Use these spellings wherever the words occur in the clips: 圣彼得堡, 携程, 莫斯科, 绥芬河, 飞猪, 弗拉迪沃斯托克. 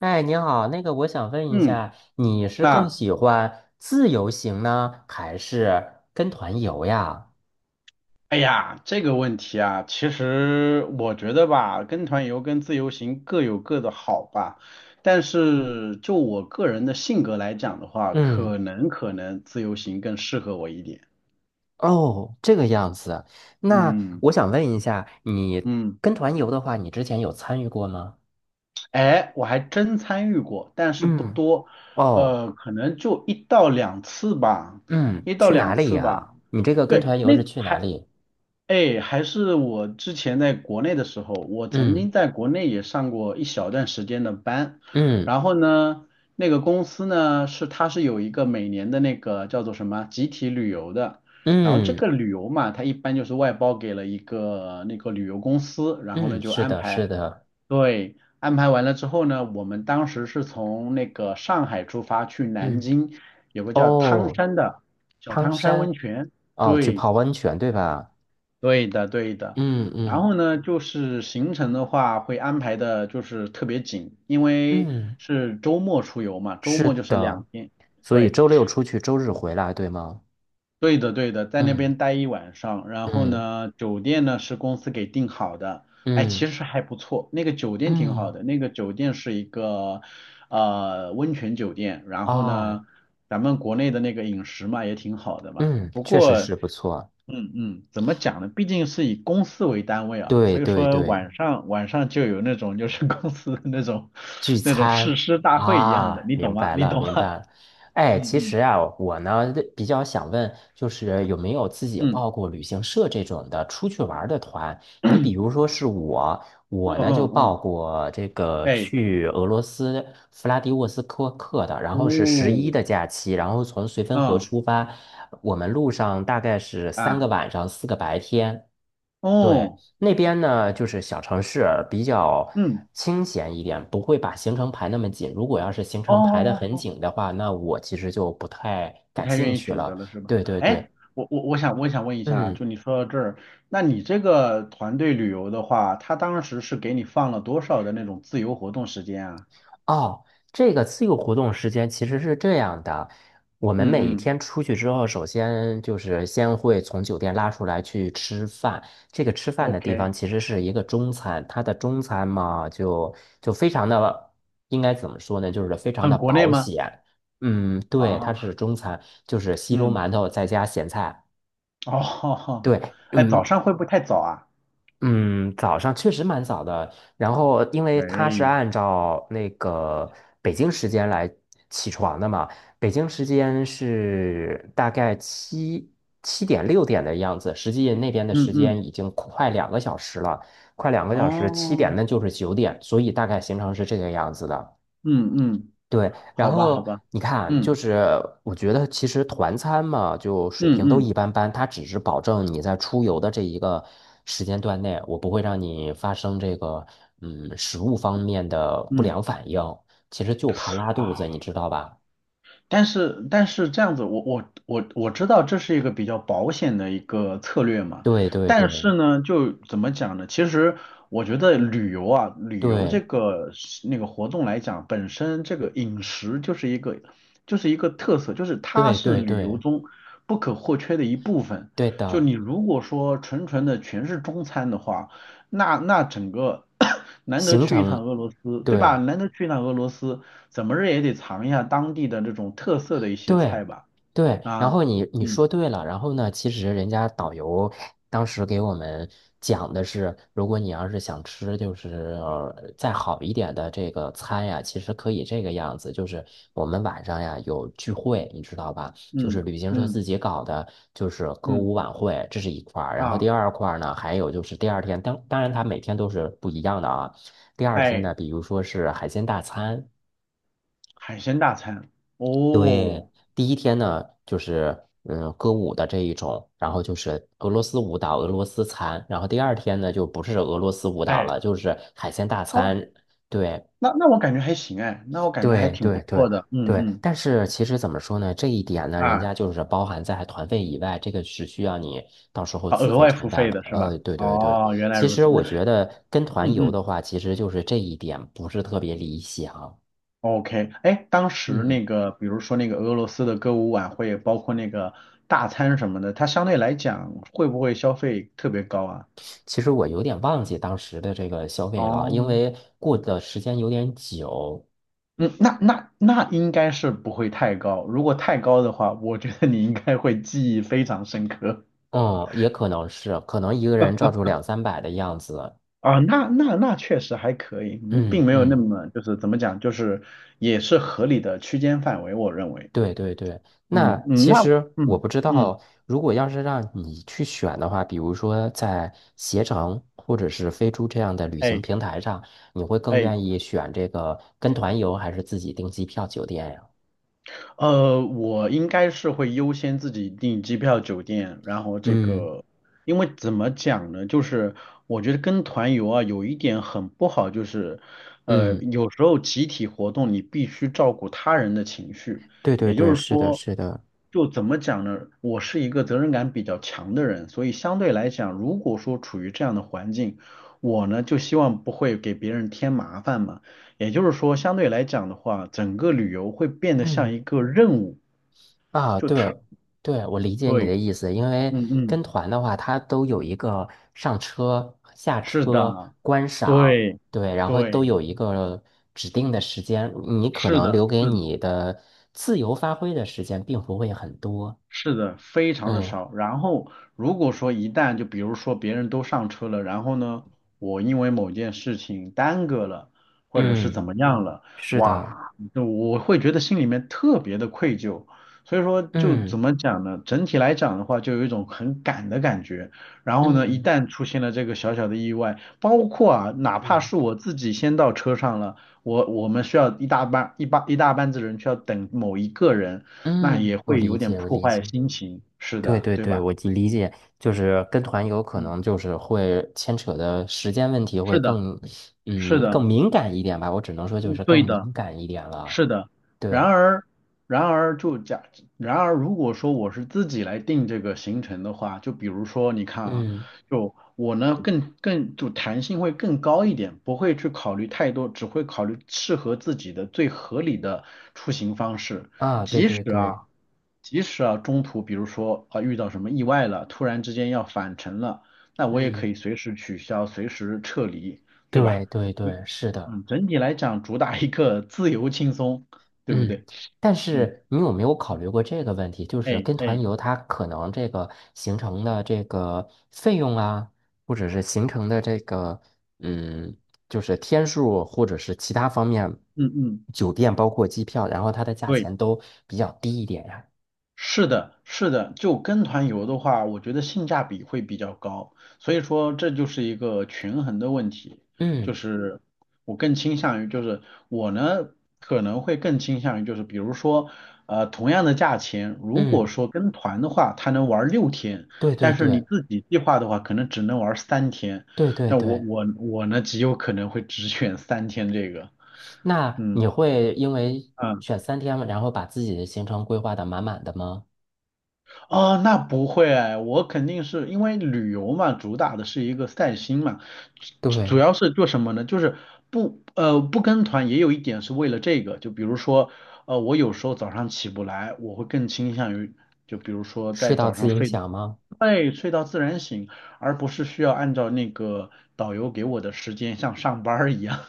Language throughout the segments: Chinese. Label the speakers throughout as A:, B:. A: 哎，你好，那个我想问一
B: 嗯，
A: 下，你是更
B: 啊，
A: 喜欢自由行呢，还是跟团游呀？
B: 哎呀，这个问题啊，其实我觉得吧，跟团游跟自由行各有各的好吧，但是就我个人的性格来讲的话，
A: 嗯。
B: 可能自由行更适合我一点。
A: 哦，这个样子。那
B: 嗯
A: 我想问一下，你
B: 嗯，
A: 跟团游的话，你之前有参与过吗？
B: 哎，我还真参与过，但是不
A: 嗯。
B: 多，
A: 哦。
B: 可能就一到两次吧，
A: 嗯，
B: 一到
A: 去哪
B: 两
A: 里
B: 次吧。
A: 呀？你这个跟
B: 对，
A: 团游
B: 那
A: 是去哪
B: 还，
A: 里？
B: 哎，还是我之前在国内的时候，我曾
A: 嗯
B: 经在国内也上过一小段时间的班，
A: 嗯
B: 然后呢，那个公司呢是它是有一个每年的那个叫做什么集体旅游的，然后这
A: 嗯
B: 个旅游嘛，它一般就是外包给了一个那个旅游公司，然后呢
A: 嗯，
B: 就
A: 是
B: 安
A: 的，是
B: 排，
A: 的。
B: 对，安排完了之后呢，我们当时是从那个上海出发去南
A: 嗯。
B: 京，有个叫汤
A: 哦。
B: 山的小
A: 汤
B: 汤山温
A: 山。
B: 泉。
A: 哦，去
B: 对，
A: 泡温泉，对吧？
B: 对的，对的。
A: 嗯
B: 然
A: 嗯
B: 后呢，就是行程的话会安排的，就是特别紧，因为
A: 嗯。
B: 是周末出游嘛，周
A: 是
B: 末就是
A: 的，
B: 两天，
A: 所以
B: 对，
A: 周六出去，周日回来，对吗？
B: 对的，对的，在那
A: 嗯
B: 边待一晚上，然后
A: 嗯
B: 呢，酒店呢是公司给订好的，哎，其
A: 嗯
B: 实还不错，那个酒店挺好
A: 嗯
B: 的，那个酒店是一个温泉酒店，然后
A: 啊。
B: 呢，咱们国内的那个饮食嘛也挺好的嘛，
A: 嗯，
B: 不
A: 确实
B: 过，
A: 是不错。
B: 嗯嗯，怎么讲呢？毕竟是以公司为单位啊，
A: 对
B: 所以
A: 对
B: 说
A: 对，
B: 晚上就有那种就是公司的那种
A: 聚
B: 那种誓
A: 餐。
B: 师大会一样
A: 啊，
B: 的，你懂
A: 明
B: 吗？
A: 白
B: 你
A: 了，
B: 懂吗？
A: 明白了。哎，
B: 嗯
A: 其实
B: 嗯
A: 啊，我呢比较想问，就是有没有自己
B: 嗯
A: 报过旅行社这种的出去玩儿的团？你比如说是我，
B: 嗯
A: 我呢就
B: 嗯
A: 报
B: 嗯，
A: 过这个
B: 哎。
A: 去俄罗斯弗拉迪沃斯托克的，然后是11
B: 哦，
A: 的假期，然后从绥芬河
B: 嗯
A: 出发，我们路上大概是三个
B: 啊，
A: 晚上，4个白天。对，
B: 哦，
A: 那边呢，就是小城市比较
B: 嗯，
A: 清闲一点，不会把行程排那么紧。如果要是行
B: 哦
A: 程排得
B: 哦
A: 很
B: 哦，哦，
A: 紧的话，那我其实就不太
B: 不
A: 感
B: 太
A: 兴
B: 愿意
A: 趣
B: 选择
A: 了。
B: 了是吧？
A: 对对对。
B: 哎，我想问一下啊，
A: 嗯。
B: 就你说到这儿，那你这个团队旅游的话，他当时是给你放了多少的那种自由活动时间啊？
A: 哦，这个自由活动时间其实是这样的，我们
B: 嗯
A: 每一
B: 嗯
A: 天出去之后，首先就是先会从酒店拉出来去吃饭。这个吃饭的地方
B: ，OK,
A: 其实是一个中餐，它的中餐嘛，就非常的，应该怎么说呢？就是非常的
B: 很国内
A: 保
B: 吗？
A: 险。嗯，对，它
B: 啊，
A: 是中餐，就是稀粥
B: 嗯，
A: 馒头再加咸菜。
B: 哦，
A: 对。
B: 哎，早
A: 嗯。
B: 上会不会太早啊？
A: 嗯，早上确实蛮早的。然后，因为他是
B: 哎，
A: 按照那个北京时间来起床的嘛，北京时间是大概七点6点的样子，实际那边的
B: 嗯
A: 时间
B: 嗯，
A: 已经快两个小时了，快两个小时，七点
B: 哦，
A: 那就是9点，所以大概行程是这个样子的。
B: 嗯嗯，
A: 对，然
B: 好吧好
A: 后
B: 吧，
A: 你看，
B: 嗯
A: 就是我觉得其实团餐嘛，就水
B: 嗯
A: 平都一
B: 嗯
A: 般般，它只是保证你在出游的这一个时间段内，我不会让你发生这个食物方面的不
B: 嗯。
A: 良反应，其实就怕拉肚子，你
B: 啊。
A: 知道吧？
B: 但是这样子，我知道这是一个比较保险的一个策略嘛，
A: 对对对
B: 但是呢，就怎么讲呢？其实我觉得旅游啊，旅游这
A: 对
B: 个是那个活动来讲，本身这个饮食就是一个就是一个特色，就是它
A: 对
B: 是
A: 对
B: 旅游
A: 对
B: 中不可或缺的一部分。
A: 对
B: 就
A: 的
B: 你如果说纯纯的全是中餐的话，那那整个 难得
A: 行
B: 去一趟
A: 程，
B: 俄罗斯，对吧？
A: 对。
B: 难得去一趟俄罗斯。怎么着也得尝一下当地的这种特色的一些
A: 对，
B: 菜吧。
A: 对，然
B: 啊，
A: 后你你
B: 嗯
A: 说对了，然后呢，其实人家导游当时给我们讲的是，如果你要是想吃就是再好一点的这个餐呀，其实可以这个样子，就是我们晚上呀有聚会，你知道吧？就是
B: 嗯
A: 旅行社自
B: 嗯
A: 己搞的，就是歌舞
B: 嗯
A: 晚会，这是一块儿，然后第
B: 啊，
A: 二块儿呢，还有就是第二天，当然它每天都是不一样的啊，第二天
B: 哎，
A: 呢，比如说是海鲜大餐。
B: 海鲜大餐
A: 对，
B: 哦，
A: 第一天呢，就是歌舞的这一种，然后就是俄罗斯舞蹈、俄罗斯餐，然后第二天呢就不是俄罗斯舞蹈
B: 哎
A: 了，就是海鲜大
B: 哦，
A: 餐。对，
B: 那那我感觉还行哎，那我感觉还
A: 对，
B: 挺不
A: 对，对，
B: 错的。嗯
A: 对。
B: 嗯
A: 但是其实怎么说呢，这一点呢，人
B: 啊
A: 家就是包含在团费以外，这个是需要你到时候
B: 啊，
A: 自
B: 额
A: 费
B: 外
A: 承
B: 付
A: 担
B: 费
A: 了。
B: 的是吧？
A: 对，对，对。
B: 哦，原来
A: 其
B: 如
A: 实
B: 此。
A: 我
B: 那
A: 觉得跟团
B: 嗯
A: 游
B: 嗯
A: 的话，其实就是这一点不是特别理想。
B: ，OK,哎，当时
A: 嗯。
B: 那个比如说那个俄罗斯的歌舞晚会，包括那个大餐什么的，它相对来讲会不会消费特别高啊？
A: 其实我有点忘记当时的这个消费了，
B: 哦
A: 因为过的时间有点久。
B: 嗯，那那那应该是不会太高，如果太高的话，我觉得你应该会记忆非常深刻
A: 嗯，也可能是，可能一个人照住两三百的样子。
B: 啊。那那那确实还可以，嗯并
A: 嗯
B: 没有那
A: 嗯，
B: 么就是怎么讲，就是也是合理的区间范围，我认为。
A: 对对对。那
B: 嗯嗯，
A: 其
B: 那
A: 实我
B: 嗯
A: 不知
B: 嗯，
A: 道，如果要是让你去选的话，比如说在携程或者是飞猪这样的旅行
B: 哎
A: 平台上，你会更
B: 哎。
A: 愿意选这个跟团游还是自己订机票酒店呀？
B: 我应该是会优先自己订机票、酒店，然后这
A: 嗯
B: 个，因为怎么讲呢，就是我觉得跟团游啊，有一点很不好，就是，
A: 嗯，
B: 有时候集体活动你必须照顾他人的情绪，
A: 对对
B: 也就
A: 对，
B: 是
A: 是的，
B: 说，
A: 是的。
B: 就怎么讲呢，我是一个责任感比较强的人，所以相对来讲，如果说处于这样的环境，我呢就希望不会给别人添麻烦嘛。也就是说，相对来讲的话，整个旅游会变得像
A: 嗯。
B: 一个任务，
A: 啊，
B: 就它
A: 对，对，我理解你的
B: 对，
A: 意思，因为
B: 嗯嗯，
A: 跟团的话，它都有一个上车、下
B: 是
A: 车、
B: 的，
A: 观赏，
B: 对
A: 对，然后都
B: 对，
A: 有一个指定的时间，你可
B: 是
A: 能
B: 的，
A: 留给
B: 是的。
A: 你的自由发挥的时间并不会很多。
B: 是的，非常的
A: 嗯
B: 少。然后如果说一旦就比如说别人都上车了，然后呢，我因为某件事情耽搁了，或者是
A: 嗯，
B: 怎么样了，
A: 是的，
B: 哇，就我会觉得心里面特别的愧疚。所以说就
A: 嗯
B: 怎么讲呢？整体来讲的话，就有一种很赶的感觉。然后呢，一
A: 嗯
B: 旦出现了这个小小的意外，包括啊，哪怕
A: 嗯
B: 是我自己先到车上了，我们需要一大班子人需要等某一个人。那也
A: 嗯，我
B: 会有
A: 理
B: 点
A: 解，我
B: 破
A: 理
B: 坏
A: 解。
B: 心情，是
A: 对
B: 的，
A: 对
B: 对
A: 对，
B: 吧？
A: 我就理解，就是跟团游可
B: 嗯，
A: 能就是会牵扯的时间问题会
B: 是的，
A: 更，
B: 是
A: 嗯，更
B: 的，
A: 敏感一点吧。我只能说就
B: 嗯，
A: 是
B: 对
A: 更
B: 的。
A: 敏感一点
B: 是
A: 了。
B: 的，然
A: 对。
B: 而，然而就假，然而如果说我是自己来定这个行程的话，就比如说你看啊，
A: 嗯。
B: 就我呢更就弹性会更高一点，不会去考虑太多，只会考虑适合自己的最合理的出行方式。
A: 啊，对
B: 即
A: 对
B: 使
A: 对。
B: 啊，即使啊中途比如说啊遇到什么意外了，突然之间要返程了，那我也可
A: 嗯，
B: 以随时取消，随时撤离，对吧？
A: 对对对，是的。
B: 嗯，整体来讲主打一个自由轻松，对不
A: 嗯，
B: 对？
A: 但
B: 嗯，
A: 是你有没有考虑过这个问题？就是
B: 哎
A: 跟团
B: 哎，
A: 游，它可能这个行程的这个费用啊，或者是行程的这个嗯，就是天数，或者是其他方面，
B: 嗯嗯，
A: 酒店包括机票，然后它的价
B: 对。
A: 钱都比较低一点呀。
B: 是的，是的，就跟团游的话，我觉得性价比会比较高，所以说这就是一个权衡的问题，就
A: 嗯
B: 是我更倾向于，就是我呢可能会更倾向于，就是比如说，同样的价钱，如果
A: 嗯，
B: 说跟团的话，他能玩6天，
A: 对对
B: 但是你
A: 对
B: 自己计划的话，可能只能玩三天，
A: 对对
B: 但我
A: 对。
B: 我我呢极有可能会只选三天这个，
A: 那
B: 嗯。
A: 你会因为
B: 啊
A: 选3天，然后把自己的行程规划的满满的吗？
B: 哦，那不会哎我肯定是因为旅游嘛，主打的是一个散心嘛，主主
A: 对，
B: 要是做什么呢？就是不不跟团也有一点是为了这个，就比如说我有时候早上起不来，我会更倾向于就比如说
A: 睡
B: 在
A: 到
B: 早
A: 自
B: 上
A: 影
B: 睡，
A: 响吗？
B: 对，睡到自然醒，而不是需要按照那个导游给我的时间像上班儿一样，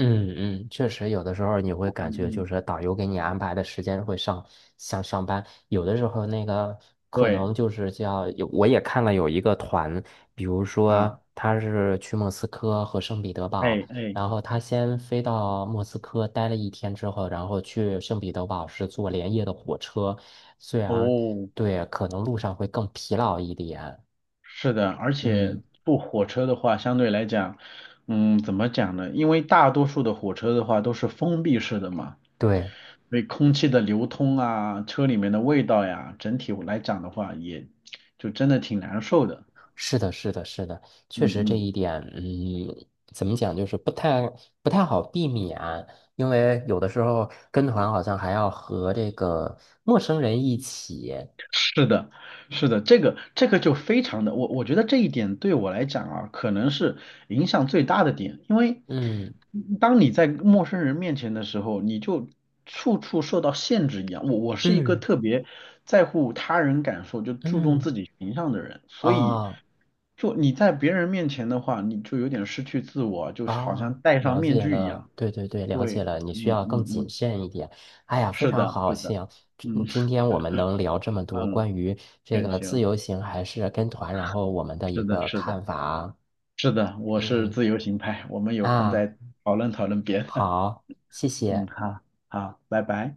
A: 嗯嗯，确实，有的时候你会 感
B: 嗯
A: 觉就
B: 嗯，
A: 是导游给你安排的时间会上像上班，有的时候那个可
B: 对
A: 能就是叫有，我也看了有一个团，比如
B: 啊，
A: 说他是去莫斯科和圣彼得堡，
B: 哎哎，
A: 然后他先飞到莫斯科待了一天之后，然后去圣彼得堡是坐连夜的火车，虽然
B: 哦。
A: 对可能路上会更疲劳一点。
B: 是的，而且
A: 嗯，
B: 坐火车的话，相对来讲，嗯，怎么讲呢？因为大多数的火车的话都是封闭式的嘛，
A: 对。
B: 所以空气的流通啊，车里面的味道呀，整体来讲的话，也就真的挺难受的。
A: 是的，是的，是的，确
B: 嗯
A: 实这一
B: 嗯。
A: 点。嗯，怎么讲，就是不太好避免，因为有的时候跟团好像还要和这个陌生人一起，
B: 是的，是的，这个这个就非常的，我觉得这一点对我来讲啊，可能是影响最大的点，因为
A: 嗯
B: 当你在陌生人面前的时候，你就处处受到限制一样。我是一个
A: 嗯
B: 特别在乎他人感受，就注重自
A: 嗯，
B: 己形象的人，所以
A: 啊
B: 就你在别人面前的话，你就有点失去自我，就好
A: 啊，
B: 像戴上
A: 了
B: 面
A: 解
B: 具一
A: 了，
B: 样。
A: 对对对，了解
B: 对，
A: 了，你需
B: 嗯
A: 要更
B: 嗯
A: 谨
B: 嗯，
A: 慎一点。哎呀，非
B: 是
A: 常
B: 的，
A: 好
B: 是的，
A: 笑，今
B: 嗯
A: 今 天我们能聊这么多
B: 嗯，
A: 关于这
B: 也
A: 个自
B: 行，
A: 由行还是跟团，然后我们的一
B: 是的，
A: 个
B: 是的。
A: 看法啊，
B: 是的，我是
A: 嗯
B: 自由行派，我们有空
A: 啊。
B: 再讨论讨论别的。
A: 好，谢
B: 嗯，
A: 谢。
B: 好，好，拜拜。